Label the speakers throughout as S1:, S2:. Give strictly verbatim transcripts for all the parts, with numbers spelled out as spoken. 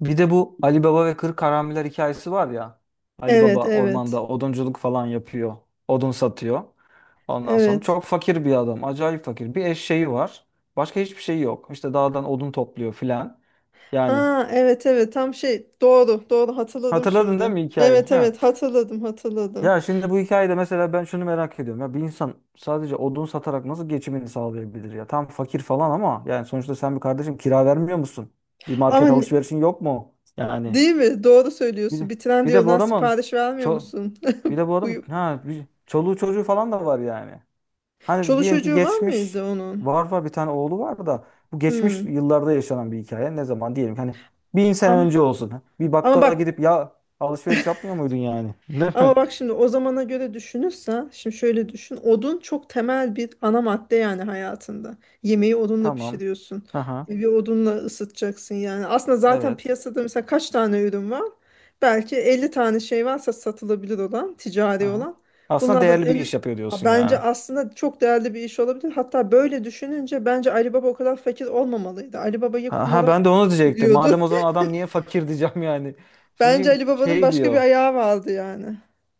S1: Bir de bu Ali Baba ve Kırk Karamiler hikayesi var ya. Ali
S2: Evet,
S1: Baba
S2: evet.
S1: ormanda odunculuk falan yapıyor. Odun satıyor. Ondan sonra
S2: Evet.
S1: çok fakir bir adam. Acayip fakir. Bir eşeği var. Başka hiçbir şey yok. İşte dağdan odun topluyor filan. Yani
S2: Ha, evet, evet. Tam şey doğru, doğru hatırladım
S1: hatırladın değil
S2: şimdi.
S1: mi hikayeyi?
S2: Evet,
S1: Ha.
S2: evet. Hatırladım, hatırladım.
S1: Ya şimdi bu hikayede mesela ben şunu merak ediyorum. Ya bir insan sadece odun satarak nasıl geçimini sağlayabilir ya? Tam fakir falan ama yani sonuçta sen bir kardeşim kira vermiyor musun? Bir
S2: Ama
S1: market
S2: ne-
S1: alışverişin yok mu? Yani
S2: Değil mi? Doğru
S1: bir,
S2: söylüyorsun.
S1: de,
S2: Bir
S1: bir de bu
S2: Trendyol'dan
S1: adamın
S2: sipariş vermiyor
S1: çok
S2: musun?
S1: bir de bu
S2: Bu
S1: adam ha bir, çoluğu çocuğu falan da var yani. Hani
S2: Çoluk
S1: diyelim ki
S2: çocuğu var
S1: geçmiş
S2: mıydı onun?
S1: var var bir tane oğlu var da bu geçmiş
S2: Hmm.
S1: yıllarda yaşanan bir hikaye. Ne zaman diyelim ki hani bin sene
S2: Ama
S1: önce olsun. Bir
S2: ama
S1: bakkala
S2: bak
S1: gidip ya alışveriş yapmıyor muydun yani? Değil mi?
S2: Ama bak şimdi o zamana göre düşünürsen, şimdi şöyle düşün. Odun çok temel bir ana madde yani hayatında. Yemeği odunla
S1: Tamam.
S2: pişiriyorsun.
S1: Aha.
S2: Evi odunla ısıtacaksın yani. Aslında zaten
S1: Evet.
S2: piyasada mesela kaç tane ürün var? Belki elli tane şey varsa satılabilir olan, ticari
S1: Aha.
S2: olan.
S1: Aslında
S2: Bunlardan
S1: değerli bir
S2: en-
S1: iş yapıyor diyorsun
S2: Bence
S1: yani.
S2: aslında çok değerli bir iş olabilir. Hatta böyle düşününce bence Ali Baba o kadar fakir olmamalıydı. Ali Baba'yı
S1: Ha, ha,
S2: kumara
S1: ben de onu diyecektim. Madem
S2: gidiyordu.
S1: o zaman adam niye fakir diyeceğim yani.
S2: Bence
S1: Şimdi
S2: Ali Baba'nın
S1: şey
S2: başka bir
S1: diyor.
S2: ayağı vardı yani.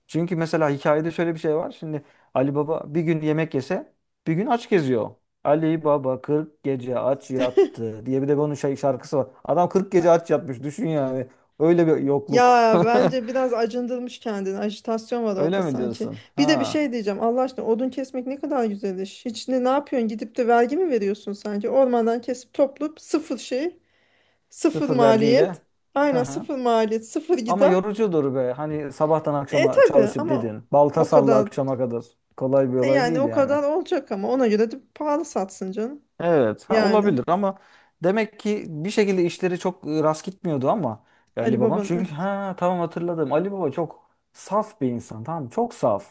S1: Çünkü mesela hikayede şöyle bir şey var. Şimdi Ali Baba bir gün yemek yese bir gün aç geziyor. Ali Baba kırk gece aç yattı diye bir de bunun şey şarkısı var. Adam kırk gece aç yatmış düşün yani. Öyle bir yokluk.
S2: Ya bence biraz acındırmış kendini. Ajitasyon var orada
S1: Öyle mi
S2: sanki.
S1: diyorsun?
S2: Bir de bir
S1: Ha.
S2: şey diyeceğim. Allah aşkına odun kesmek ne kadar güzel iş. Hiç ne, ne yapıyorsun? Gidip de vergi mi veriyorsun sanki? Ormandan kesip toplayıp sıfır şey, sıfır
S1: Sıfır
S2: maliyet.
S1: vergiyle. Hı
S2: Aynen
S1: hı.
S2: sıfır maliyet, sıfır
S1: Ama
S2: gider.
S1: yorucudur be. Hani sabahtan
S2: E
S1: akşama
S2: tabii
S1: çalışıp
S2: ama
S1: dedin. Balta
S2: o
S1: salla
S2: kadar
S1: akşama kadar. Kolay bir
S2: e
S1: olay
S2: yani
S1: değil
S2: o
S1: yani.
S2: kadar olacak ama ona göre de pahalı satsın canım.
S1: Evet, ha,
S2: Yani
S1: olabilir ama demek ki bir şekilde işleri çok e, rast gitmiyordu ama
S2: Ali
S1: Ali babam çünkü
S2: Baba'nın.
S1: ha tamam hatırladım. Ali baba çok saf bir insan. Tamam mı? Çok saf.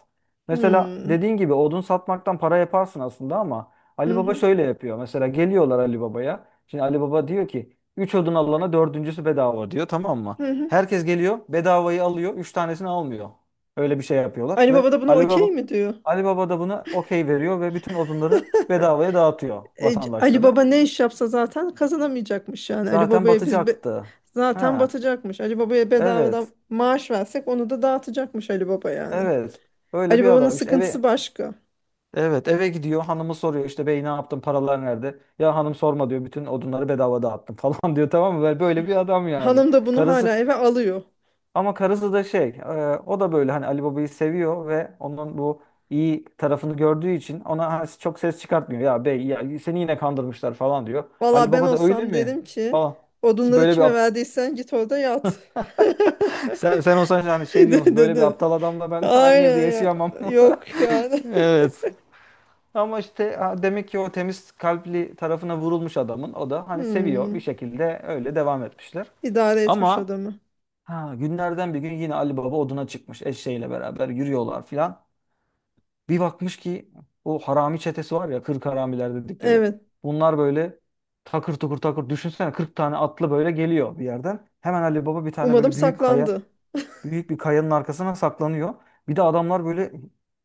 S1: Mesela
S2: Hmm.
S1: dediğin gibi odun satmaktan para yaparsın aslında ama Ali
S2: Hı
S1: baba
S2: hı.
S1: şöyle yapıyor. Mesela geliyorlar Ali babaya. Şimdi Ali baba diyor ki üç odun alana dördüncüsü bedava diyor, tamam mı?
S2: Hı hı.
S1: Herkes geliyor, bedavayı alıyor, üç tanesini almıyor. Öyle bir şey yapıyorlar
S2: Ali
S1: ve
S2: Baba da buna
S1: Ali
S2: okey
S1: baba
S2: mi diyor?
S1: Ali Baba da buna okey veriyor ve bütün odunları bedavaya dağıtıyor
S2: E, C- Ali Baba
S1: vatandaşlara.
S2: ne iş yapsa zaten kazanamayacakmış yani. Ali
S1: Zaten
S2: Baba'ya biz be-
S1: batacaktı.
S2: Zaten
S1: Ha,
S2: batacakmış. Ali Baba'ya
S1: evet.
S2: bedavadan maaş versek onu da dağıtacakmış Ali Baba yani.
S1: Evet. Öyle
S2: Ali
S1: bir
S2: Baba'nın
S1: adam işte.
S2: sıkıntısı
S1: eve
S2: başka.
S1: evet eve gidiyor, hanımı soruyor işte, bey ne yaptın, paralar nerede? Ya hanım sorma diyor, bütün odunları bedava dağıttım falan diyor, tamam mı? Böyle böyle bir adam yani.
S2: Hanım da bunu
S1: Karısı
S2: hala eve alıyor.
S1: Ama karısı da şey, e, o da böyle hani Ali Baba'yı seviyor ve onun bu iyi tarafını gördüğü için ona ha- çok ses çıkartmıyor. Ya bey, ya seni yine kandırmışlar falan diyor.
S2: Valla
S1: Ali
S2: ben
S1: Baba da öyle
S2: olsam
S1: mi?
S2: dedim ki
S1: Falan.
S2: odunları
S1: Böyle bir
S2: kime
S1: ap-
S2: verdiysen git orada yat.
S1: sen sen olsan yani şey diyor musun?
S2: De- de-
S1: Böyle bir
S2: de.
S1: aptal adamla ben aynı evde
S2: Aynen ya.
S1: yaşayamam.
S2: Yok yani.
S1: Evet. Ama işte ha, demek ki o temiz kalpli tarafına vurulmuş adamın, o da hani seviyor, bir
S2: Hmm.
S1: şekilde öyle devam etmişler.
S2: İdare etmiş
S1: Ama
S2: adamı.
S1: ha, günlerden bir gün yine Ali Baba oduna çıkmış, eşeğiyle beraber yürüyorlar filan. Bir bakmış ki o harami çetesi var ya, kırk haramiler dedikleri.
S2: Evet.
S1: Bunlar böyle takır tukur takır, düşünsene, kırk tane atlı böyle geliyor bir yerden. Hemen Ali Baba bir tane
S2: Umarım
S1: böyle büyük kaya
S2: saklandı.
S1: büyük bir kayanın arkasına saklanıyor. Bir de adamlar böyle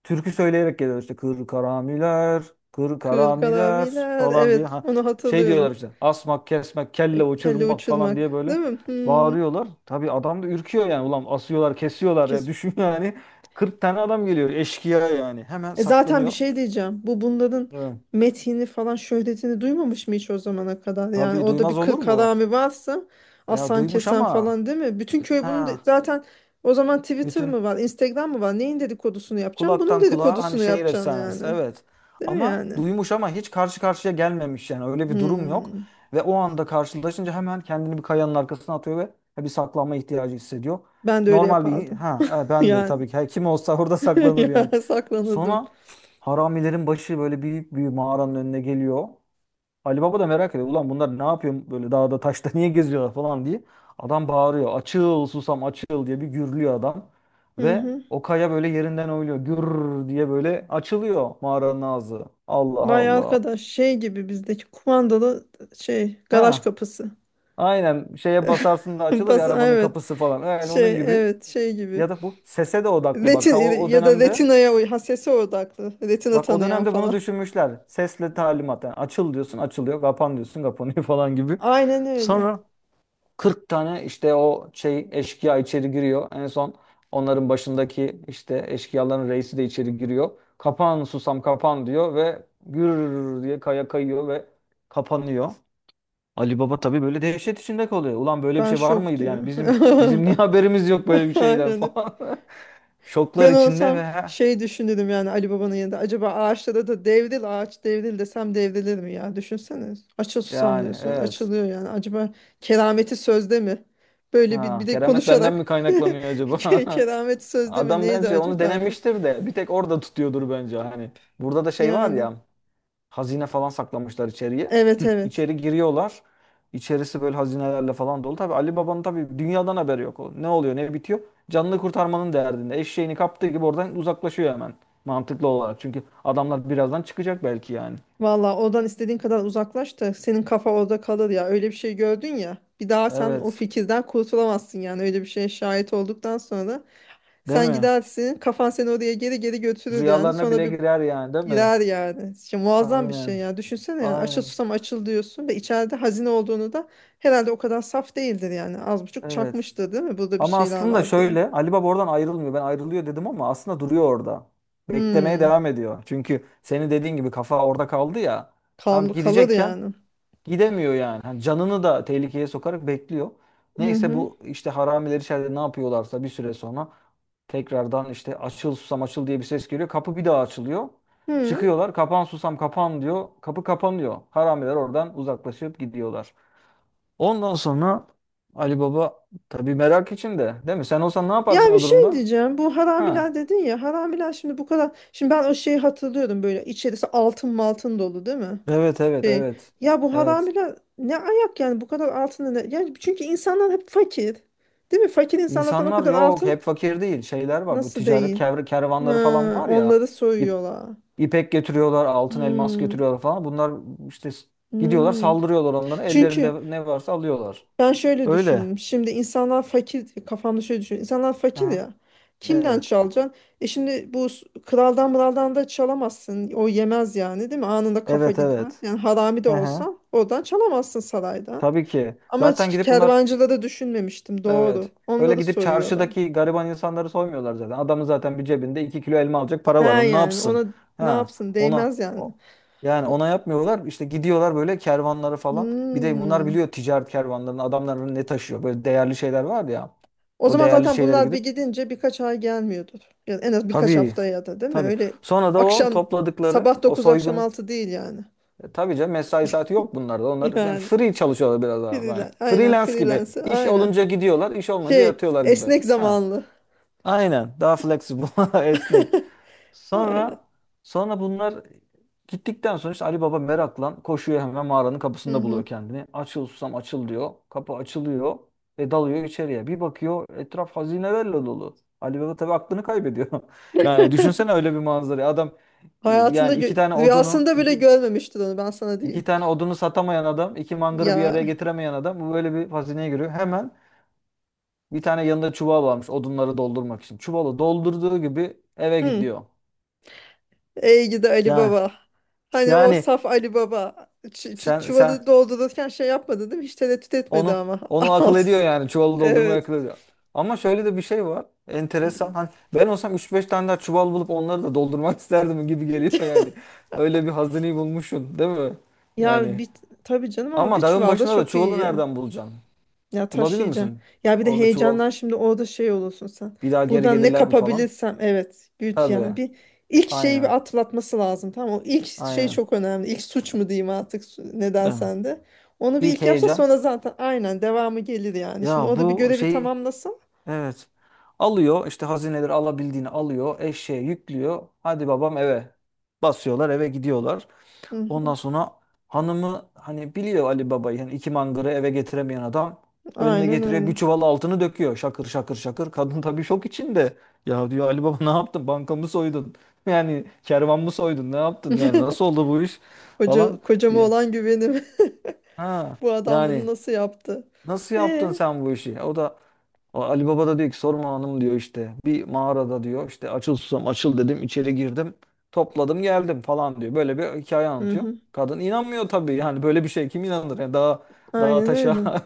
S1: türkü söyleyerek geliyor işte, kır karamiler, kır karamiler
S2: Kırkalamiler.
S1: falan diye.
S2: Evet,
S1: Ha,
S2: onu
S1: şey diyorlar
S2: hatırlıyorum.
S1: işte, asmak, kesmek, kelle
S2: Ay, Kelle
S1: uçurmak falan
S2: uçurmak,
S1: diye böyle
S2: değil mi? Hmm,
S1: bağırıyorlar. Tabii adam da ürküyor yani, ulan asıyorlar kesiyorlar ya
S2: kesin.
S1: düşün yani, kırk tane adam geliyor eşkıya yani, hemen
S2: E zaten bir
S1: saklanıyor.
S2: şey diyeceğim. Bu bunların
S1: Evet.
S2: metini falan şöhretini duymamış mı hiç o zamana kadar? Yani
S1: Tabii
S2: orada bir
S1: duymaz olur mu?
S2: kırkalami varsa
S1: Ya
S2: asan
S1: duymuş
S2: kesen
S1: ama
S2: falan değil mi? Bütün köy bunu
S1: ha
S2: de- zaten o zaman Twitter mı
S1: bütün
S2: var, Instagram mı var? Neyin dedikodusunu yapacağım? Bunun
S1: kulaktan kulağa, hani,
S2: dedikodusunu
S1: şehir
S2: yapacaksın yani.
S1: efsanesi, evet.
S2: Değil mi
S1: Ama
S2: yani?
S1: duymuş ama hiç karşı karşıya gelmemiş, yani öyle bir durum yok.
S2: Hmm.
S1: Ve o anda karşılaşınca hemen kendini bir kayanın arkasına atıyor ve bir saklanma ihtiyacı hissediyor.
S2: Ben de öyle
S1: Normal bir
S2: yapardım.
S1: Ha, ha, ben de
S2: Yani.
S1: tabii ki, her kim olsa orada saklanır yani.
S2: Ya saklanırdım.
S1: Sonra haramilerin başı böyle büyük bir mağaranın önüne geliyor. Ali Baba da merak ediyor. Ulan bunlar ne yapıyor böyle dağda taşta, niye geziyorlar falan diye. Adam bağırıyor. Açıl susam açıl diye bir gürlüyor adam.
S2: Hı
S1: Ve
S2: hı.
S1: o kaya böyle yerinden oynuyor. Gür diye böyle açılıyor mağaranın ağzı. Allah
S2: Vay
S1: Allah.
S2: arkadaş şey gibi bizdeki kumandalı şey garaj
S1: Ha,
S2: kapısı.
S1: aynen, şeye basarsın da açılır ya
S2: Bas
S1: arabanın
S2: evet.
S1: kapısı falan. Yani
S2: Şey
S1: onun gibi.
S2: evet şey gibi.
S1: Ya da bu sese de odaklı bak.
S2: Retin
S1: Ta o, o
S2: ya da
S1: dönemde
S2: retinaya uy ha sese odaklı. Retina
S1: bak o
S2: tanıyan
S1: dönemde bunu
S2: falan.
S1: düşünmüşler. Sesle talimat. Yani açıl diyorsun açılıyor, kapan diyorsun kapanıyor falan gibi.
S2: Aynen öyle.
S1: Sonra kırk tane işte o şey eşkıya içeri giriyor. En son onların başındaki işte eşkıyaların reisi de içeri giriyor. Kapan susam kapan diyor ve gür diye kaya kayıyor ve kapanıyor. Ali Baba tabii böyle dehşet içinde kalıyor. Ulan böyle bir
S2: Ben
S1: şey var
S2: şok
S1: mıydı
S2: diyor.
S1: yani, bizim bizim niye haberimiz yok böyle bir şeyden
S2: Aynen.
S1: falan. Şoklar
S2: Ben
S1: içinde ve
S2: olsam şey düşünürüm yani Ali Baba'nın yanında. Acaba ağaçlara da devril ağaç devril desem devrilir mi ya? Düşünsene. Açıl susam
S1: yani
S2: diyorsun.
S1: evet.
S2: Açılıyor yani. Acaba kerameti sözde mi? Böyle bir,
S1: Ha,
S2: bir de
S1: keramet benden
S2: konuşarak.
S1: mi kaynaklanıyor acaba?
S2: Ke- Kerameti sözde mi?
S1: Adam
S2: Neydi
S1: bence onu
S2: acaba de.
S1: denemiştir de bir tek orada tutuyordur, bence, hani. Burada da şey var
S2: Yani.
S1: ya, hazine falan saklamışlar içeriye.
S2: Evet
S1: Hı,
S2: evet.
S1: İçeri giriyorlar. İçerisi böyle hazinelerle falan dolu. Tabii Ali Baba'nın tabii dünyadan haberi yok. O, ne oluyor ne bitiyor? Canını kurtarmanın derdinde. Eşeğini kaptığı gibi oradan uzaklaşıyor hemen. Mantıklı olarak. Çünkü adamlar birazdan çıkacak belki yani.
S2: Valla oradan istediğin kadar uzaklaş da senin kafa orada kalır ya. Öyle bir şey gördün ya. Bir daha sen o
S1: Evet.
S2: fikirden kurtulamazsın yani. Öyle bir şeye şahit olduktan sonra.
S1: Değil
S2: Sen
S1: mi?
S2: gidersin kafan seni oraya geri geri götürür yani
S1: Rüyalarına
S2: sonra
S1: bile
S2: bir
S1: girer yani, değil mi?
S2: girer yani. Şimdi muazzam bir şey
S1: Aynen.
S2: ya düşünsene yani açıl
S1: Aynen.
S2: susam açıl diyorsun ve içeride hazine olduğunu da herhalde o kadar saf değildir yani az buçuk
S1: Evet.
S2: çakmıştır değil mi burada bir
S1: Ama
S2: şeyler
S1: aslında
S2: var diye.
S1: şöyle, Ali Baba oradan ayrılmıyor. Ben ayrılıyor dedim ama aslında duruyor orada. Beklemeye
S2: Hmm.
S1: devam ediyor. Çünkü senin dediğin gibi, kafa orada kaldı ya. Tam
S2: Kal kalır
S1: gidecekken
S2: yani.
S1: gidemiyor yani. Hani canını da tehlikeye sokarak bekliyor.
S2: Hı
S1: Neyse,
S2: hı.
S1: bu işte haramiler içeride ne yapıyorlarsa, bir süre sonra tekrardan işte açıl susam açıl diye bir ses geliyor. Kapı bir daha açılıyor.
S2: Hı.
S1: Çıkıyorlar, kapan susam kapan diyor, kapı kapanıyor. Haramiler oradan uzaklaşıp gidiyorlar. Ondan sonra Ali Baba tabii merak içinde, değil mi? Sen olsan ne
S2: Ya
S1: yaparsın
S2: bir
S1: o
S2: şey
S1: durumda?
S2: diyeceğim. Bu
S1: Ha.
S2: haramiler dedin ya. Haramiler şimdi bu kadar. Şimdi ben o şeyi hatırlıyorum böyle. İçerisi altın maltın dolu değil mi?
S1: Evet, evet,
S2: Şey,
S1: evet.
S2: ya bu
S1: Evet.
S2: haramiler ne ayak yani bu kadar altını ne? Yani çünkü insanlar hep fakir. Değil mi? Fakir insanlardan o
S1: İnsanlar
S2: kadar
S1: yok
S2: altın
S1: hep fakir değil. Şeyler var, bu
S2: nasıl
S1: ticaret
S2: değil?
S1: kev-
S2: Ha,
S1: kervanları falan var ya.
S2: onları
S1: İp,
S2: soyuyorlar.
S1: ipek getiriyorlar, altın elmas
S2: Hmm,
S1: getiriyorlar falan. Bunlar işte s- gidiyorlar,
S2: hmm.
S1: saldırıyorlar onlara.
S2: Çünkü
S1: Ellerinde ne varsa alıyorlar.
S2: ben şöyle
S1: Öyle.
S2: düşündüm. Şimdi insanlar fakir, kafamda şöyle düşünüyorum. İnsanlar fakir
S1: Aha.
S2: ya. Kimden
S1: Evet.
S2: çalacaksın? E şimdi bu s- kraldan mıraldan da çalamazsın. O yemez yani değil mi? Anında kafa
S1: Evet,
S2: gider.
S1: evet.
S2: Yani harami de
S1: Hı hı.
S2: olsan oradan çalamazsın saraydan.
S1: Tabii ki.
S2: Ama
S1: Zaten
S2: hiç
S1: gidip bunlar
S2: kervancıları düşünmemiştim doğru.
S1: Evet. Öyle
S2: Onları
S1: gidip
S2: soyuyorlar.
S1: çarşıdaki gariban insanları soymuyorlar zaten. Adamın zaten bir cebinde iki kilo elma alacak para
S2: Ne
S1: var. Onu ne
S2: yani
S1: yapsın?
S2: ona ne
S1: Ha,
S2: yapsın
S1: ona
S2: değmez yani.
S1: o. Yani
S2: O,
S1: ona yapmıyorlar. İşte gidiyorlar böyle kervanları falan. Bir de bunlar
S2: hmm.
S1: biliyor ticaret kervanlarının, adamların ne taşıyor. Böyle değerli şeyler var ya.
S2: O
S1: O
S2: zaman
S1: değerli
S2: zaten
S1: şeylere
S2: bunlar bir
S1: gidip,
S2: gidince birkaç ay gelmiyordur. Yani en az birkaç
S1: tabii
S2: hafta ya da değil mi?
S1: tabii.
S2: Öyle
S1: Sonra da o
S2: akşam
S1: topladıkları
S2: sabah
S1: o
S2: dokuz akşam
S1: soygun
S2: altı değil yani.
S1: e, tabii canım, mesai saati yok bunlarda. Onlar yani
S2: Yani
S1: free çalışıyorlar biraz daha. Yani
S2: freelance aynen
S1: freelance gibi.
S2: freelance
S1: İş
S2: aynen.
S1: olunca gidiyorlar, iş olmayınca
S2: Şey
S1: yatıyorlar gibi.
S2: esnek
S1: Ha.
S2: zamanlı.
S1: Aynen. Daha flexible, esnek.
S2: Aynen.
S1: Sonra sonra bunlar gittikten sonra işte Ali Baba meraklan koşuyor, hemen mağaranın
S2: Hı
S1: kapısında
S2: hı.
S1: buluyor kendini. Açıl susam açıl diyor. Kapı açılıyor ve dalıyor içeriye. Bir bakıyor, etraf hazinelerle dolu. Ali Baba tabii aklını kaybediyor. Yani düşünsene öyle bir manzarayı. Adam e,
S2: Hayatında
S1: yani iki
S2: gö-
S1: tane odunu
S2: rüyasında bile
S1: iki,
S2: görmemiştir onu ben sana
S1: iki
S2: diyeyim.
S1: tane odunu satamayan adam, iki mangırı bir araya
S2: Ya.
S1: getiremeyen adam, bu böyle bir hazineye giriyor. Hemen bir tane yanında çuval varmış odunları doldurmak için. Çuvalı doldurduğu gibi eve
S2: Hı.
S1: gidiyor.
S2: Ey gidi Ali
S1: Yani
S2: Baba. Hani o
S1: yani
S2: saf Ali Baba. Ç ç-
S1: sen sen
S2: çuvalı doldururken şey yapmadı değil mi? Hiç tereddüt etmedi
S1: onu
S2: ama.
S1: onu akıl
S2: Alt.
S1: ediyor yani, çuvalı doldurmayı
S2: Evet.
S1: akıl ediyor. Ama şöyle de bir şey var. Enteresan. Hani ben olsam üç beş tane daha çuval bulup onları da doldurmak isterdim gibi geliyor yani. Öyle bir hazineyi bulmuşsun, değil mi?
S2: Ya
S1: Yani
S2: bir tabii canım ama
S1: ama
S2: bir
S1: dağın
S2: çuval da
S1: başında da
S2: çok iyi
S1: çuvalı
S2: ya.
S1: nereden bulacaksın?
S2: Ya
S1: Bulabilir
S2: taşıyacaksın.
S1: misin?
S2: Ya bir de
S1: Orada çuval
S2: heyecandan şimdi orada şey olursun sen.
S1: bir daha geri
S2: Buradan ne
S1: gelirler mi falan?
S2: kapabilirsem evet güç
S1: Tabii.
S2: yani bir ilk şeyi
S1: Aynen.
S2: bir atlatması lazım tamam mı? O ilk şey
S1: Aynen.
S2: çok önemli. İlk suç mu diyeyim artık su- ne
S1: Değil mi?
S2: dersen de. Onu bir
S1: İlk
S2: ilk yapsa
S1: heyecan.
S2: sonra zaten aynen devamı gelir yani. Şimdi
S1: Ya
S2: o da bir
S1: bu
S2: görevi
S1: şey
S2: tamamlasın.
S1: evet, alıyor işte hazineleri, alabildiğini alıyor, eşeğe yüklüyor, hadi babam eve, basıyorlar eve gidiyorlar.
S2: Hı
S1: Ondan
S2: hı.
S1: sonra hanımı hani biliyor Ali Baba'yı, yani iki mangırı eve getiremeyen adam, önüne
S2: Aynen
S1: getiriyor
S2: öyle.
S1: bir çuval altını, döküyor şakır şakır şakır. Kadın tabii şok içinde. Ya diyor, Ali Baba ne yaptın, bankamı soydun yani, kervan mı soydun, ne yaptın yani, nasıl oldu bu iş falan.
S2: Koca, kocama
S1: Ya,
S2: olan güvenim.
S1: ha,
S2: Bu adam
S1: yani
S2: bunu nasıl yaptı?
S1: nasıl yaptın
S2: Ee,
S1: sen bu işi? O da o Ali Baba da diyor ki, sorma hanım diyor, işte bir mağarada diyor, işte açıl susam açıl dedim, içeri girdim, topladım geldim falan diyor. Böyle bir hikaye
S2: hı
S1: anlatıyor.
S2: hı.
S1: Kadın inanmıyor tabii, yani böyle bir şey kim inanır yani. Daha daha
S2: Aynen
S1: taşa
S2: öyle.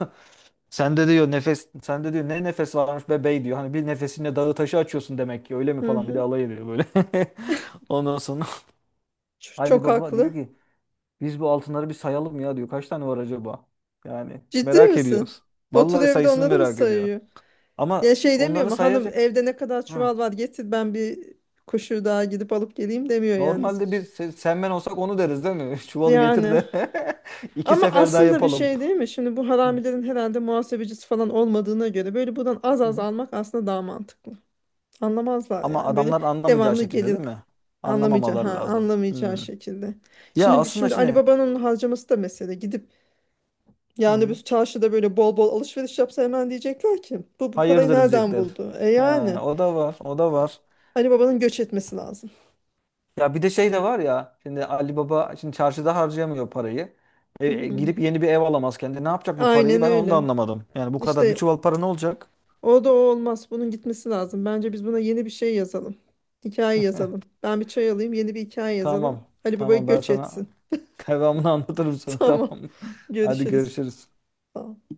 S1: sen de diyor nefes sen de diyor, ne nefes varmış be bey diyor. Hani bir nefesinle dağı taşı açıyorsun demek ki, öyle mi
S2: Hı
S1: falan, bir de
S2: hı.
S1: alay ediyor böyle. Ondan sonra
S2: Ç-
S1: Ali
S2: Çok
S1: Baba diyor
S2: haklı.
S1: ki, biz bu altınları bir sayalım ya diyor. Kaç tane var acaba? Yani
S2: Ciddi
S1: merak
S2: misin?
S1: ediyoruz. Vallahi
S2: Oturuyor bir de
S1: sayısını
S2: onları mı
S1: merak ediyor.
S2: sayıyor? Ya
S1: Ama
S2: şey demiyor
S1: onları
S2: mu? Hanım
S1: sayacak.
S2: evde ne kadar
S1: Hı.
S2: çuval var getir ben bir kuşu daha gidip alıp geleyim demiyor yani.
S1: Normalde biz se- sen ben olsak onu deriz, değil mi? Çuvalı getir
S2: Yani
S1: de iki
S2: ama
S1: sefer daha
S2: aslında bir
S1: yapalım.
S2: şey değil mi? Şimdi bu
S1: Hı.
S2: haramilerin herhalde muhasebecisi falan olmadığına göre böyle buradan az az
S1: Hı.
S2: almak aslında daha mantıklı. Anlamazlar
S1: Ama
S2: yani. Böyle
S1: adamlar anlamayacağı
S2: devamlı
S1: şekilde,
S2: gelir
S1: değil mi?
S2: anlamayacağı ha
S1: Anlamamaları lazım.
S2: anlamayacağı
S1: Hı.
S2: şekilde.
S1: Ya
S2: Şimdi
S1: aslında
S2: şimdi Ali
S1: şimdi.
S2: Baba'nın harcaması da mesele. Gidip
S1: Hı
S2: yani öbür
S1: hı.
S2: çarşıda böyle bol bol alışveriş yapsa hemen diyecekler ki bu bu parayı
S1: Hayırdır
S2: nereden
S1: diyecekler.
S2: buldu? E
S1: He,
S2: yani
S1: o da var, o da var.
S2: Ali Baba'nın göç etmesi lazım.
S1: Ya bir de şey de var ya. Şimdi Ali Baba şimdi çarşıda harcayamıyor parayı. E, e,
S2: Hmm.
S1: girip yeni bir ev alamaz kendi. Ne yapacak bu parayı?
S2: Aynen
S1: Ben onu da
S2: öyle.
S1: anlamadım. Yani bu kadar bir
S2: İşte
S1: çuval para ne olacak?
S2: o da o olmaz. Bunun gitmesi lazım. Bence biz buna yeni bir şey yazalım. Hikaye yazalım. Ben bir çay alayım, yeni bir hikaye yazalım.
S1: Tamam.
S2: Ali Baba'yı
S1: Tamam, ben
S2: göç etsin.
S1: sana devamını anlatırım sonra,
S2: Tamam.
S1: tamam mı? Hadi
S2: Görüşürüz.
S1: görüşürüz.
S2: Sağ ol.